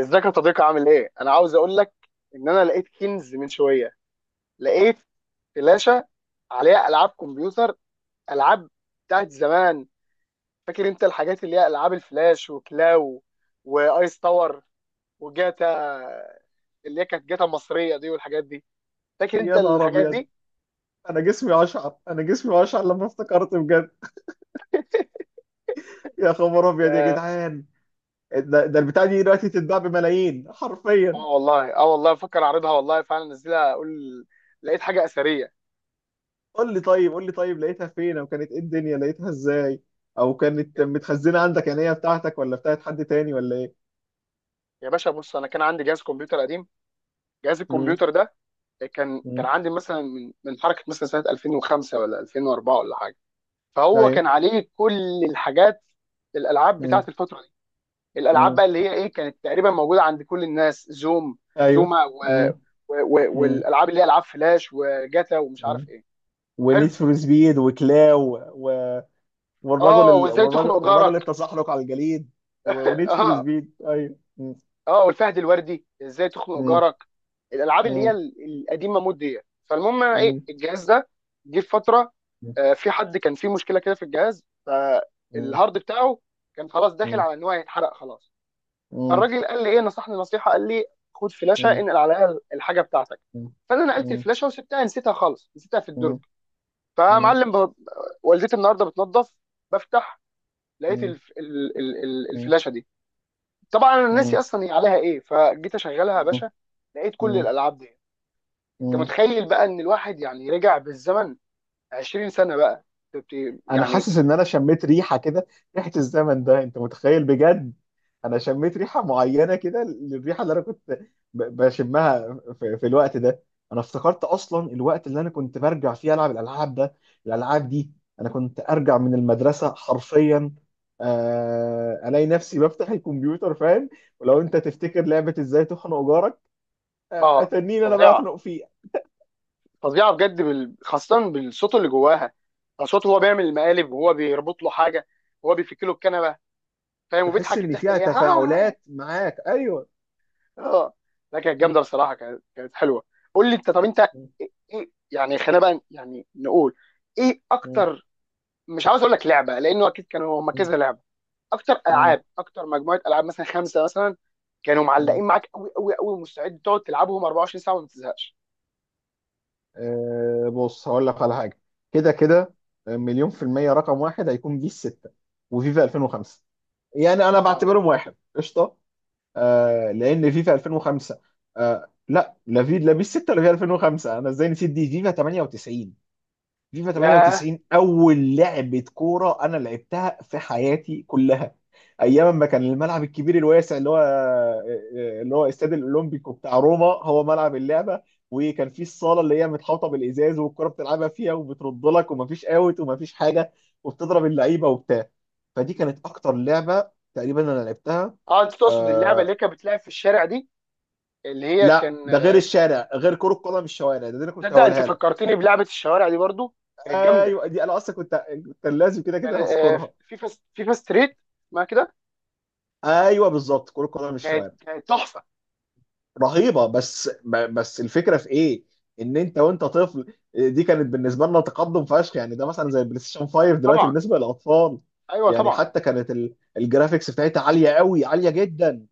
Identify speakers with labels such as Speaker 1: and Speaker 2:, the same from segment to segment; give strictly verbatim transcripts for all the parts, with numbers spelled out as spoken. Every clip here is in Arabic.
Speaker 1: ازيك يا صديقي، عامل ايه؟ انا عاوز اقول لك ان انا لقيت كنز من شويه، لقيت فلاشه عليها العاب كمبيوتر، العاب بتاعت زمان، فاكر انت الحاجات اللي هي العاب الفلاش وكلاو وايس تاور وجاتا اللي هي كانت جاتا مصريه دي والحاجات دي، فاكر انت
Speaker 2: يا نهار
Speaker 1: الحاجات
Speaker 2: ابيض.
Speaker 1: دي؟
Speaker 2: انا جسمي اشعر انا جسمي اشعر لما افتكرت بجد. يا خبر ابيض يا
Speaker 1: اه.
Speaker 2: جدعان! ده ده البتاع دي دلوقتي تتباع بملايين حرفيا.
Speaker 1: آه والله، اه والله بفكر اعرضها، والله فعلا انزلها اقول لقيت حاجه اثريه.
Speaker 2: قول لي طيب قول لي طيب لقيتها فين، او كانت ايه الدنيا، لقيتها ازاي؟ او كانت
Speaker 1: يا
Speaker 2: متخزنه عندك؟ يعني هي بتاعتك ولا بتاعت حد تاني ولا ايه؟
Speaker 1: يا باشا، بص انا كان عندي جهاز كمبيوتر قديم، جهاز
Speaker 2: امم.
Speaker 1: الكمبيوتر ده كان كان
Speaker 2: امم.
Speaker 1: عندي مثلا من من حركه، مثلا سنه ألفين وخمسه ولا ألفين واربعه ولا حاجه. فهو كان
Speaker 2: ايوه.
Speaker 1: عليه كل الحاجات، الالعاب بتاعت
Speaker 2: امم.
Speaker 1: الفتره دي، الالعاب
Speaker 2: امم.
Speaker 1: بقى اللي هي ايه كانت تقريبا موجوده عند كل الناس، زوم
Speaker 2: ايوه.
Speaker 1: زوما و...
Speaker 2: امم.
Speaker 1: و... و...
Speaker 2: امم.
Speaker 1: والالعاب اللي هي العاب فلاش وجاتا ومش عارف ايه. حلو.
Speaker 2: ونيد فور سبيد وكلاو و... والرجل
Speaker 1: اه،
Speaker 2: ال...
Speaker 1: وازاي
Speaker 2: والرجل
Speaker 1: تخنق
Speaker 2: والرجل
Speaker 1: جارك.
Speaker 2: التزحلق على الجليد. و... ونيد فور
Speaker 1: اه،
Speaker 2: سبيد، ايوه.
Speaker 1: اه، والفهد الوردي، ازاي تخنق
Speaker 2: مم.
Speaker 1: جارك. الالعاب اللي هي
Speaker 2: مم.
Speaker 1: ال- القديمه مود دي. فالمهم أنا ايه،
Speaker 2: مم.
Speaker 1: الجهاز ده جه في فتره،
Speaker 2: مم.
Speaker 1: آه، في حد كان فيه مشكله كده في الجهاز،
Speaker 2: مم.
Speaker 1: فالهارد بتاعه كان خلاص داخل على ان هو هيتحرق خلاص.
Speaker 2: مم.
Speaker 1: فالراجل قال لي ايه، نصحني نصيحه، قال لي: خد فلاشه
Speaker 2: مم.
Speaker 1: انقل عليها الحاجه بتاعتك.
Speaker 2: مم.
Speaker 1: فانا نقلت
Speaker 2: مم.
Speaker 1: الفلاشه وسبتها، نسيتها خالص، نسيتها في الدرج.
Speaker 2: مم. مم.
Speaker 1: فمعلم ب... والدتي النهارده بتنظف، بفتح، لقيت الف... ال... ال... ال-
Speaker 2: مم.
Speaker 1: الفلاشه دي. طبعا انا ناسي
Speaker 2: مم.
Speaker 1: اصلا هي عليها ايه، فجيت اشغلها يا
Speaker 2: مم.
Speaker 1: باشا، لقيت كل
Speaker 2: مم.
Speaker 1: الالعاب دي. انت
Speaker 2: مم.
Speaker 1: متخيل بقى ان الواحد يعني رجع بالزمن 20 سنه بقى، بت-
Speaker 2: انا
Speaker 1: يعني.
Speaker 2: حاسس ان انا شميت ريحه كده، ريحه الزمن ده، انت متخيل بجد؟ انا شميت ريحه معينه كده للريحه اللي انا كنت ب- بشمها في, في الوقت ده. انا افتكرت اصلا الوقت اللي انا كنت برجع فيه العب الالعاب ده الالعاب دي انا كنت ارجع من المدرسه حرفيا، آه، الاقي نفسي بفتح الكمبيوتر، فاهم؟ ولو انت تفتكر لعبه ازاي تخنق جارك، آه،
Speaker 1: اه،
Speaker 2: اتنين انا بقى
Speaker 1: فظيعه
Speaker 2: اخنق فيه.
Speaker 1: فظيعه بجد، بال... خاصه بالصوت اللي جواها، آه، صوته هو بيعمل المقالب وهو بيربط له حاجه، وهو بيفك له الكنبه، فاهم،
Speaker 2: تحس
Speaker 1: وبيضحك
Speaker 2: ان
Speaker 1: الضحكه
Speaker 2: فيها
Speaker 1: اللي هي ها ها ها.
Speaker 2: تفاعلات معاك؟ ايوه.
Speaker 1: اه. لا كانت
Speaker 2: م-
Speaker 1: جامده بصراحه، كانت كانت حلوه. قول لي انت، طب انت،
Speaker 2: م-
Speaker 1: ايه إيه- يعني، خلينا بقى يعني نقول ايه
Speaker 2: م-
Speaker 1: اكتر؟ مش عاوز اقول لك لعبه لانه اكيد كانوا هم كذا لعبه. اكتر
Speaker 2: م-
Speaker 1: العاب، اكتر مجموعه العاب مثلا خمسه مثلا كانوا
Speaker 2: مم.
Speaker 1: معلقين معاك قوي قوي قوي، ومستعد تقعد تلعبهم 24 ساعه وما تزهقش.
Speaker 2: آه، بص هقول لك على حاجه. كده كده، آه، مليون في المية، رقم واحد هيكون بيس ستة وفيفا الفين وخمسة، يعني انا
Speaker 1: اه.
Speaker 2: بعتبرهم واحد قشطه. آه لان فيفا الفين وخمسة... آه، لا، لا في لا بيس ستة ولا فيفا الفين وخمسة. انا ازاي نسيت؟ دي فيفا تمانية وتسعين. فيفا
Speaker 1: يا
Speaker 2: تمانية وتسعين اول لعبه كوره انا لعبتها في حياتي كلها. ايام ما كان الملعب الكبير الواسع اللي هو آه، آه، اللي هو استاد الاولمبيكو بتاع روما هو ملعب اللعبه. وكان في الصاله اللي هي متحوطه بالازاز والكره بتلعبها فيها وبترد لك، ومفيش اوت ومفيش حاجه، وبتضرب اللعيبه وبتاع. فدي كانت اكتر لعبه تقريبا انا لعبتها.
Speaker 1: اه، انت تقصد اللعبه اللي
Speaker 2: آه،
Speaker 1: هي كانت بتلعب في الشارع دي، اللي هي كان
Speaker 2: لا، ده غير الشارع، غير كرة قدم الشوارع. ده, ده انا كنت
Speaker 1: تصدق؟ انت
Speaker 2: هقولها لك.
Speaker 1: فكرتني بلعبه الشوارع دي برضو، كانت جامده.
Speaker 2: ايوه دي انا اصلا كنت كنت لازم كده
Speaker 1: كان
Speaker 2: كده
Speaker 1: آه،
Speaker 2: هسكرها.
Speaker 1: فيفا فيفا ستريت، ما كده.
Speaker 2: ايوه بالظبط، كرة قدم
Speaker 1: كانت
Speaker 2: الشوارع.
Speaker 1: كانت تحفه.
Speaker 2: رهيبة. بس ب- بس الفكرة في ايه؟ ان انت وانت طفل دي كانت بالنسبة لنا تقدم فشخ، يعني ده مثلا زي البلاي ستيشن خمسة دلوقتي
Speaker 1: طبعا،
Speaker 2: بالنسبة للاطفال.
Speaker 1: ايوه
Speaker 2: يعني
Speaker 1: طبعا.
Speaker 2: حتى كانت ال- الجرافيكس بتاعتها عالية قوي، عالية جدا.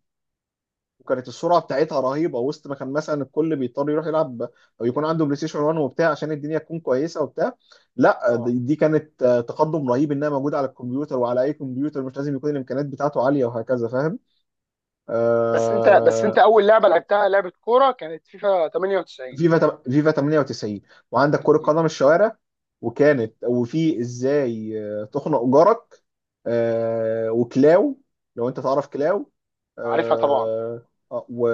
Speaker 2: وكانت السرعة بتاعتها رهيبة، وسط ما كان مثلا الكل بيضطر يروح يلعب او يكون عنده بلاي ستيشن واحد وبتاع عشان الدنيا تكون كويسة وبتاع. لا،
Speaker 1: اه.
Speaker 2: دي دي كانت، آه، تقدم رهيب، انها موجودة على الكمبيوتر وعلى اي كمبيوتر، مش لازم يكون الامكانيات بتاعته عالية، وهكذا، فاهم؟
Speaker 1: بس انت بس انت
Speaker 2: آه،
Speaker 1: اول لعبه لعبتها لعبه كوره كانت فيفا تمانيه وتسعين.
Speaker 2: فيفا تم- فيفا تمانية وتسعين. وعندك كرة
Speaker 1: م.
Speaker 2: قدم الشوارع. وكانت، وفي ازاي، آه، تخنق جارك. آه، وكلاو. لو انت تعرف كلاو.
Speaker 1: عارفها طبعا،
Speaker 2: آه، آه، و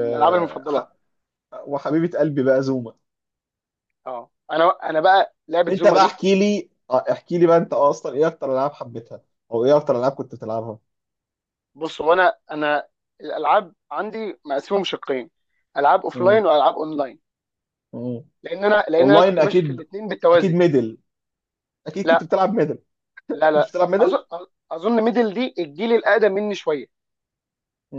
Speaker 1: من الالعاب المفضله.
Speaker 2: ح- وحبيبة قلبي بقى زوما.
Speaker 1: اه، انا انا بقى لعبه
Speaker 2: انت
Speaker 1: زوما
Speaker 2: بقى
Speaker 1: دي.
Speaker 2: احكي لي، آه، احكي لي بقى انت اصلا ايه اكتر العاب حبيتها؟ او ايه اكتر العاب كنت بتلعبها؟
Speaker 1: بص، هو انا انا الالعاب عندي مقسمهم شقين: العاب
Speaker 2: مم.
Speaker 1: اوفلاين والعاب اونلاين.
Speaker 2: مم.
Speaker 1: لان انا لان انا
Speaker 2: اونلاين
Speaker 1: كنت ماشي في
Speaker 2: اكيد.
Speaker 1: الاثنين
Speaker 2: اكيد
Speaker 1: بالتوازي.
Speaker 2: ميدل. اكيد كنت
Speaker 1: لا،
Speaker 2: بتلعب ميدل
Speaker 1: لا،
Speaker 2: كنت
Speaker 1: لا.
Speaker 2: بتلعب ميدل
Speaker 1: اظن اظن ميدل دي الجيل الاقدم مني شويه،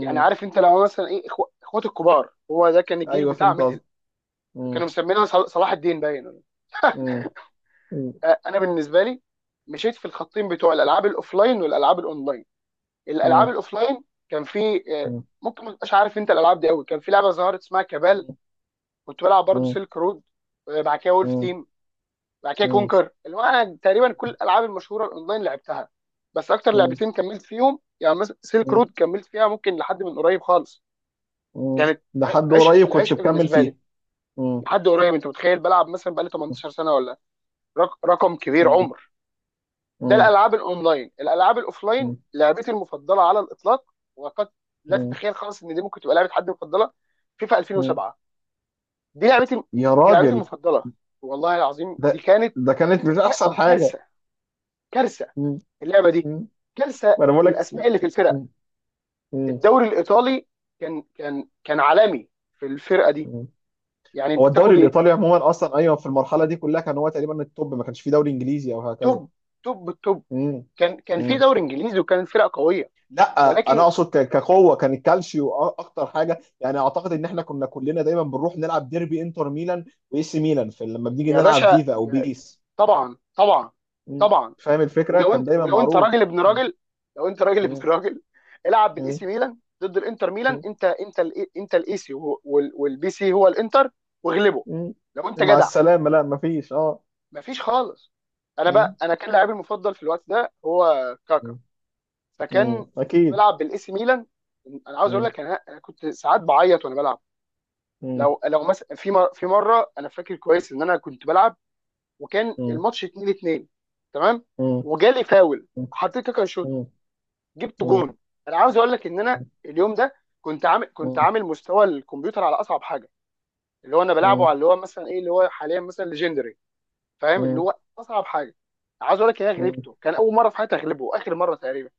Speaker 1: يعني عارف انت لو مثلا ايه، إخو- اخوات الكبار، هو ده كان الجيل
Speaker 2: ايوه
Speaker 1: بتاع
Speaker 2: فهمت
Speaker 1: ميدل.
Speaker 2: قصدك. مم.
Speaker 1: كانوا مسمينها صل- صلاح الدين باين ولا-
Speaker 2: مم.
Speaker 1: آه، انا بالنسبه لي مشيت في الخطين بتوع الالعاب الاوفلاين والالعاب الاونلاين. الالعاب
Speaker 2: مم.
Speaker 1: الاوفلاين كان في آه،
Speaker 2: مم.
Speaker 1: ممكن ما تبقاش عارف انت الالعاب دي قوي، كان في لعبه ظهرت اسمها كابال،
Speaker 2: مم.
Speaker 1: كنت بلعب برضو
Speaker 2: مم.
Speaker 1: سيلك رود، بعد كده وولف
Speaker 2: مم.
Speaker 1: تيم، بعد كده كونكر. اللي هو انا تقريبا كل الالعاب المشهوره الاونلاين لعبتها، بس اكتر
Speaker 2: مم.
Speaker 1: لعبتين كملت فيهم يعني مثلا سيلك
Speaker 2: مم.
Speaker 1: رود كملت فيها ممكن لحد من قريب خالص،
Speaker 2: مم.
Speaker 1: كانت
Speaker 2: لحد
Speaker 1: ع- عشق
Speaker 2: قريب كنت
Speaker 1: العشق
Speaker 2: بكمل
Speaker 1: بالنسبه لي
Speaker 2: فيه. مم.
Speaker 1: لحد قريب. انت متخيل بلعب مثلا بقالي 18 سنه ولا؟ رق- رقم كبير،
Speaker 2: مم.
Speaker 1: عمر. ده
Speaker 2: مم.
Speaker 1: الالعاب الاونلاين. الالعاب الاوفلاين
Speaker 2: مم.
Speaker 1: لعبتي المفضله على الاطلاق، وقد لا
Speaker 2: مم.
Speaker 1: تتخيل خالص ان دي ممكن تبقى لعبه حد مفضله. فيفا
Speaker 2: مم.
Speaker 1: ألفين وسبعه، دي لعبتي
Speaker 2: يا
Speaker 1: لعبتي
Speaker 2: راجل!
Speaker 1: المفضله، والله العظيم دي
Speaker 2: ده
Speaker 1: كانت
Speaker 2: ده كانت مش
Speaker 1: ك-
Speaker 2: احسن حاجه؟
Speaker 1: كارثه. كارثه
Speaker 2: مم.
Speaker 1: اللعبه دي،
Speaker 2: مم.
Speaker 1: كارثه
Speaker 2: وانا بقول لك.
Speaker 1: الاسماء اللي في الفرق.
Speaker 2: مم. مم.
Speaker 1: الدوري الايطالي كان كان كان عالمي، في الفرقه دي
Speaker 2: مم.
Speaker 1: يعني
Speaker 2: هو
Speaker 1: انت
Speaker 2: الدوري
Speaker 1: تاخد.
Speaker 2: الايطالي عموما اصلا، ايوه، في المرحله دي كلها كان هو تقريبا التوب، ما كانش فيه دوري انجليزي او هكذا.
Speaker 1: توب، توب توب.
Speaker 2: مم.
Speaker 1: كان كان في
Speaker 2: مم.
Speaker 1: دوري انجليزي وكانت فرق قويه،
Speaker 2: لا، انا
Speaker 1: ولكن.
Speaker 2: اقصد ك- كقوه كان الكالشيو أ- اكتر حاجه، يعني اعتقد ان احنا كنا كلنا دايما بنروح نلعب ديربي انتر ميلان واي سي ميلان، في لما بنيجي
Speaker 1: يا
Speaker 2: نلعب
Speaker 1: باشا
Speaker 2: فيفا او
Speaker 1: يا-
Speaker 2: بيس.
Speaker 1: طبعا، طبعا،
Speaker 2: م.
Speaker 1: طبعا.
Speaker 2: فاهم الفكره،
Speaker 1: ولو
Speaker 2: كان
Speaker 1: انت
Speaker 2: دايما
Speaker 1: ولو انت
Speaker 2: معروف.
Speaker 1: راجل ابن
Speaker 2: م.
Speaker 1: راجل، لو انت راجل ابن
Speaker 2: م.
Speaker 1: راجل، العب بالاي
Speaker 2: م.
Speaker 1: سي ميلان ضد الانتر ميلان.
Speaker 2: م.
Speaker 1: انت انت ال انت الاي سي والبي سي هو الانتر، واغلبه
Speaker 2: م.
Speaker 1: لو انت
Speaker 2: مع
Speaker 1: جدع.
Speaker 2: السلامه، لا مفيش، اه.
Speaker 1: مفيش خالص. انا
Speaker 2: م.
Speaker 1: بقى انا كان لاعبي المفضل في الوقت ده هو كاكا،
Speaker 2: م. م.
Speaker 1: فكان
Speaker 2: اكيد.
Speaker 1: بلعب بالاي سي ميلان. انا عاوز اقول
Speaker 2: م.
Speaker 1: لك، انا انا كنت ساعات بعيط وانا بلعب.
Speaker 2: م.
Speaker 1: لو لو مثلا في مر... في مره، انا فاكر كويس ان انا كنت بلعب وكان
Speaker 2: م.
Speaker 1: الماتش اتنين اتنين تمام،
Speaker 2: م. م.
Speaker 1: وجالي فاول،
Speaker 2: م.
Speaker 1: حطيت كاكا يشوطه،
Speaker 2: م.
Speaker 1: جبت
Speaker 2: م.
Speaker 1: جون. انا عاوز اقول لك ان انا اليوم ده كنت عامل كنت
Speaker 2: م.
Speaker 1: عامل مستوى الكمبيوتر على اصعب حاجه، اللي هو انا
Speaker 2: م.
Speaker 1: بلعبه
Speaker 2: م.
Speaker 1: على اللي هو مثلا ايه، اللي هو حاليا مثلا ليجندري، فاهم، اللي هو اصعب حاجه. عاوز اقول لك ان انا غلبته، كان اول مره في حياتي اغلبه، اخر مره تقريبا.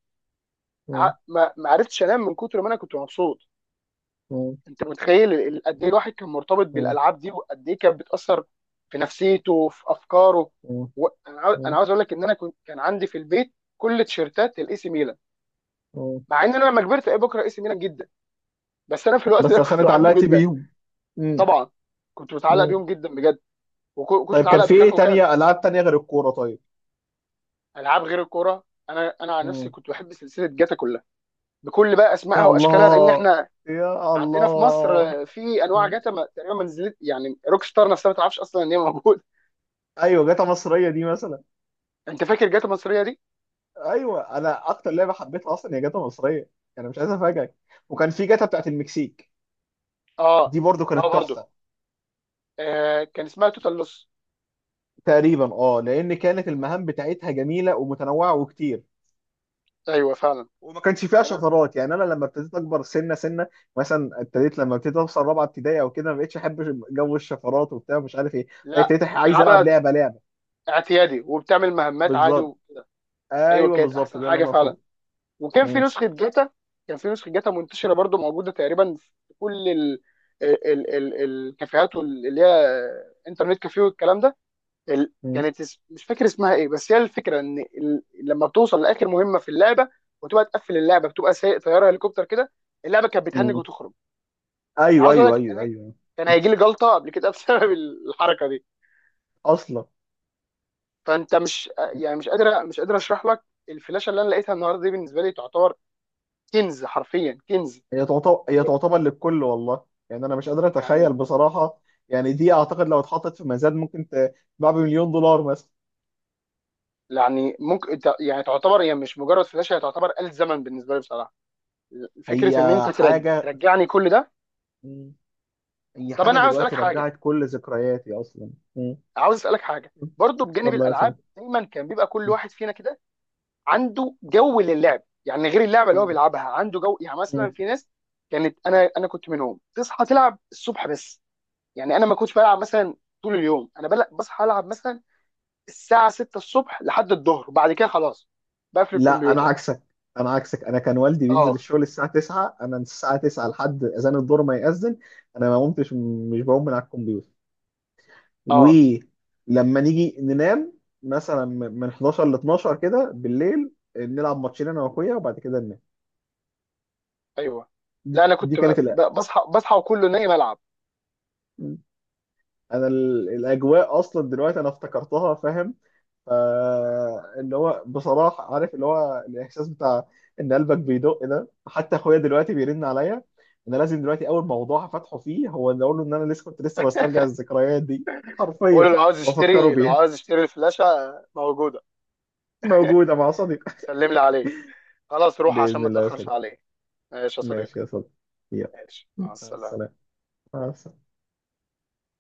Speaker 2: م.
Speaker 1: ع-
Speaker 2: م.
Speaker 1: ما ما عرفتش انام من كتر ما انا كنت مبسوط. انت متخيل ال- قد ايه الواحد كان مرتبط بالالعاب دي، وقد ايه كانت بتاثر في نفسيته وفي افكاره.
Speaker 2: م.
Speaker 1: و... انا عاو- أنا
Speaker 2: م.
Speaker 1: عاوز اقول لك ان انا كنت كان عندي في البيت كل تيشيرتات الاي سي ميلان،
Speaker 2: م.
Speaker 1: مع ان انا لما كبرت ايه بكره اي سي ميلان جدا، بس انا في الوقت ده
Speaker 2: بس عشان
Speaker 1: كنت بحبه
Speaker 2: اتعلقت
Speaker 1: جدا.
Speaker 2: بيهم. مم.
Speaker 1: طبعا. كنت متعلق
Speaker 2: مم.
Speaker 1: بيهم جدا بجد، وكنت
Speaker 2: طيب كان
Speaker 1: متعلق
Speaker 2: في
Speaker 1: بكاكا
Speaker 2: ايه
Speaker 1: وكان.
Speaker 2: تانية، العاب تانية غير الكورة؟ طيب.
Speaker 1: العاب غير الكوره؟ انا انا عن نفسي
Speaker 2: مم.
Speaker 1: كنت بحب سلسله جاتا كلها، بكل بقى اسمائها
Speaker 2: يا
Speaker 1: واشكالها، لان
Speaker 2: الله!
Speaker 1: احنا
Speaker 2: يا
Speaker 1: عندنا في
Speaker 2: الله!
Speaker 1: مصر في انواع
Speaker 2: مم.
Speaker 1: جاتا ما تقريبا ما نزلت، يعني روك ستار نفسها ما تعرفش اصلا ان هي موجوده.
Speaker 2: ايوه، جاتا مصرية دي مثلا.
Speaker 1: انت فاكر جاتا مصريه دي؟
Speaker 2: ايوه انا اكتر لعبة حبيتها اصلا هي جاتا مصرية، يعني مش عايز افاجئك. وكان في جاتا بتاعت المكسيك،
Speaker 1: اه،
Speaker 2: دي برضو
Speaker 1: اه
Speaker 2: كانت
Speaker 1: برضه.
Speaker 2: تحفة.
Speaker 1: آه كان اسمها توتال لوس.
Speaker 2: تقريبا اه، لان كانت المهام بتاعتها جميلة ومتنوعة وكتير،
Speaker 1: ايوه فعلا.
Speaker 2: وما كانش فيها
Speaker 1: انا
Speaker 2: شفرات. يعني انا لما ابتديت اكبر سنه سنه، مثلا ابتديت، لما ابتديت اوصل رابعه ابتدائي او كده، ما بقتش احب جو الشفرات وبتاع، مش عارف ايه. لا،
Speaker 1: لا،
Speaker 2: ابتديت، أح- عايز العب
Speaker 1: بتلعبها
Speaker 2: لعبه لعبه.
Speaker 1: اعتيادي وبتعمل مهمات عادي
Speaker 2: بالظبط.
Speaker 1: و... ايوه
Speaker 2: ايوه
Speaker 1: كانت
Speaker 2: بالظبط،
Speaker 1: احسن
Speaker 2: ده اللي
Speaker 1: حاجه
Speaker 2: انا اقصده.
Speaker 1: فعلا. وكان في
Speaker 2: مم.
Speaker 1: نسخه جاتا كان في نسخه جاتا منتشره برضو، موجوده تقريبا في كل ال... ال... ال... ال- الكافيهات وال- اللي هي انترنت كافيه والكلام ده. ال...
Speaker 2: مم.
Speaker 1: كانت اس... مش فاكر اسمها ايه، بس هي الفكره ان ال... لما بتوصل لاخر مهمه في اللعبه وتبقى تقفل اللعبه، بتبقى سايق طياره هليكوبتر كده، اللعبه كانت بتهنج
Speaker 2: مم.
Speaker 1: وتخرج. يعني
Speaker 2: ايوه
Speaker 1: عاوز اقول
Speaker 2: ايوه
Speaker 1: لك
Speaker 2: ايوه
Speaker 1: كان
Speaker 2: ايوه.
Speaker 1: كان هيجي لي جلطه قبل كده بسبب الحركه دي.
Speaker 2: اصلا
Speaker 1: فانت مش، يعني مش قادر مش قادر اشرح لك. الفلاشه اللي انا لقيتها النهارده دي بالنسبه لي تعتبر كنز، حرفيا كنز.
Speaker 2: هي تعتبر هي تعتبر للكل، والله، يعني انا مش قادر اتخيل
Speaker 1: يعني
Speaker 2: بصراحه. يعني دي اعتقد لو اتحطت في ميزان ممكن ت- تباع بمليون دولار مثلا.
Speaker 1: يعني ممكن ت- يعني تعتبر هي مش مجرد فلاشه، هي تعتبر آلة زمن بالنسبه لي بصراحه.
Speaker 2: هي
Speaker 1: فكره ان انت ترج...
Speaker 2: حاجه.
Speaker 1: ترجعني كل ده.
Speaker 2: مم. هي
Speaker 1: طب
Speaker 2: حاجه
Speaker 1: انا عاوز اسالك
Speaker 2: دلوقتي
Speaker 1: حاجه
Speaker 2: رجعت كل ذكرياتي اصلا.
Speaker 1: عاوز اسالك حاجه برضو، بجانب
Speaker 2: اتفضل يا
Speaker 1: الالعاب
Speaker 2: صديقي.
Speaker 1: دايما كان بيبقى كل واحد فينا كده عنده جو للعب، يعني غير اللعبه اللي هو
Speaker 2: مم.
Speaker 1: بيلعبها عنده جو، يعني مثلا
Speaker 2: مم.
Speaker 1: في ناس كانت، انا انا كنت منهم، تصحى تلعب الصبح بس. يعني انا ما كنتش بلعب مثلا طول اليوم، انا بل... بصحى العب مثلا الساعه سته الصبح لحد الظهر، وبعد كده خلاص بقفل
Speaker 2: لا، انا
Speaker 1: الكمبيوتر.
Speaker 2: عكسك انا عكسك انا كان والدي بينزل
Speaker 1: اه،
Speaker 2: الشغل الساعه تسعة، انا من الساعه تسعة لحد اذان الظهر، ما يأذن انا ما قمتش، مش بقوم من على الكمبيوتر.
Speaker 1: اه.
Speaker 2: ولما نيجي ننام مثلا من حداشر ل اتناشر كده بالليل، نلعب ماتشين انا واخويا وبعد كده ننام.
Speaker 1: ايوه، لا
Speaker 2: دي,
Speaker 1: انا
Speaker 2: دي
Speaker 1: كنت ب-
Speaker 2: كانت الأ...
Speaker 1: ب- بصحى بصحى وكله نايم العب.
Speaker 2: انا ال- الاجواء اصلا دلوقتي انا افتكرتها، فاهم؟ فاللي هو بصراحة عارف، اللي هو الإحساس بتاع إن قلبك بيدق ده، حتى أخويا دلوقتي بيرن عليا. أنا لازم دلوقتي أول موضوع هفتحه فيه هو إن أقول له إن أنا لسه كنت لسه بسترجع الذكريات دي
Speaker 1: اقول
Speaker 2: حرفيا،
Speaker 1: له لو عاوز يشتري
Speaker 2: وأفكره
Speaker 1: لو
Speaker 2: بيها.
Speaker 1: عاوز يشتري الفلاشه موجوده.
Speaker 2: موجودة مع صديق
Speaker 1: سلم لي عليه، خلاص روح عشان
Speaker 2: بإذن
Speaker 1: ما
Speaker 2: الله يا
Speaker 1: تاخرش
Speaker 2: صديق.
Speaker 1: عليه. ماشي يا صديقي،
Speaker 2: ماشي يا صديق. يلا.
Speaker 1: ماشي، مع
Speaker 2: مع
Speaker 1: السلامه.
Speaker 2: السلامة. مع السلامة.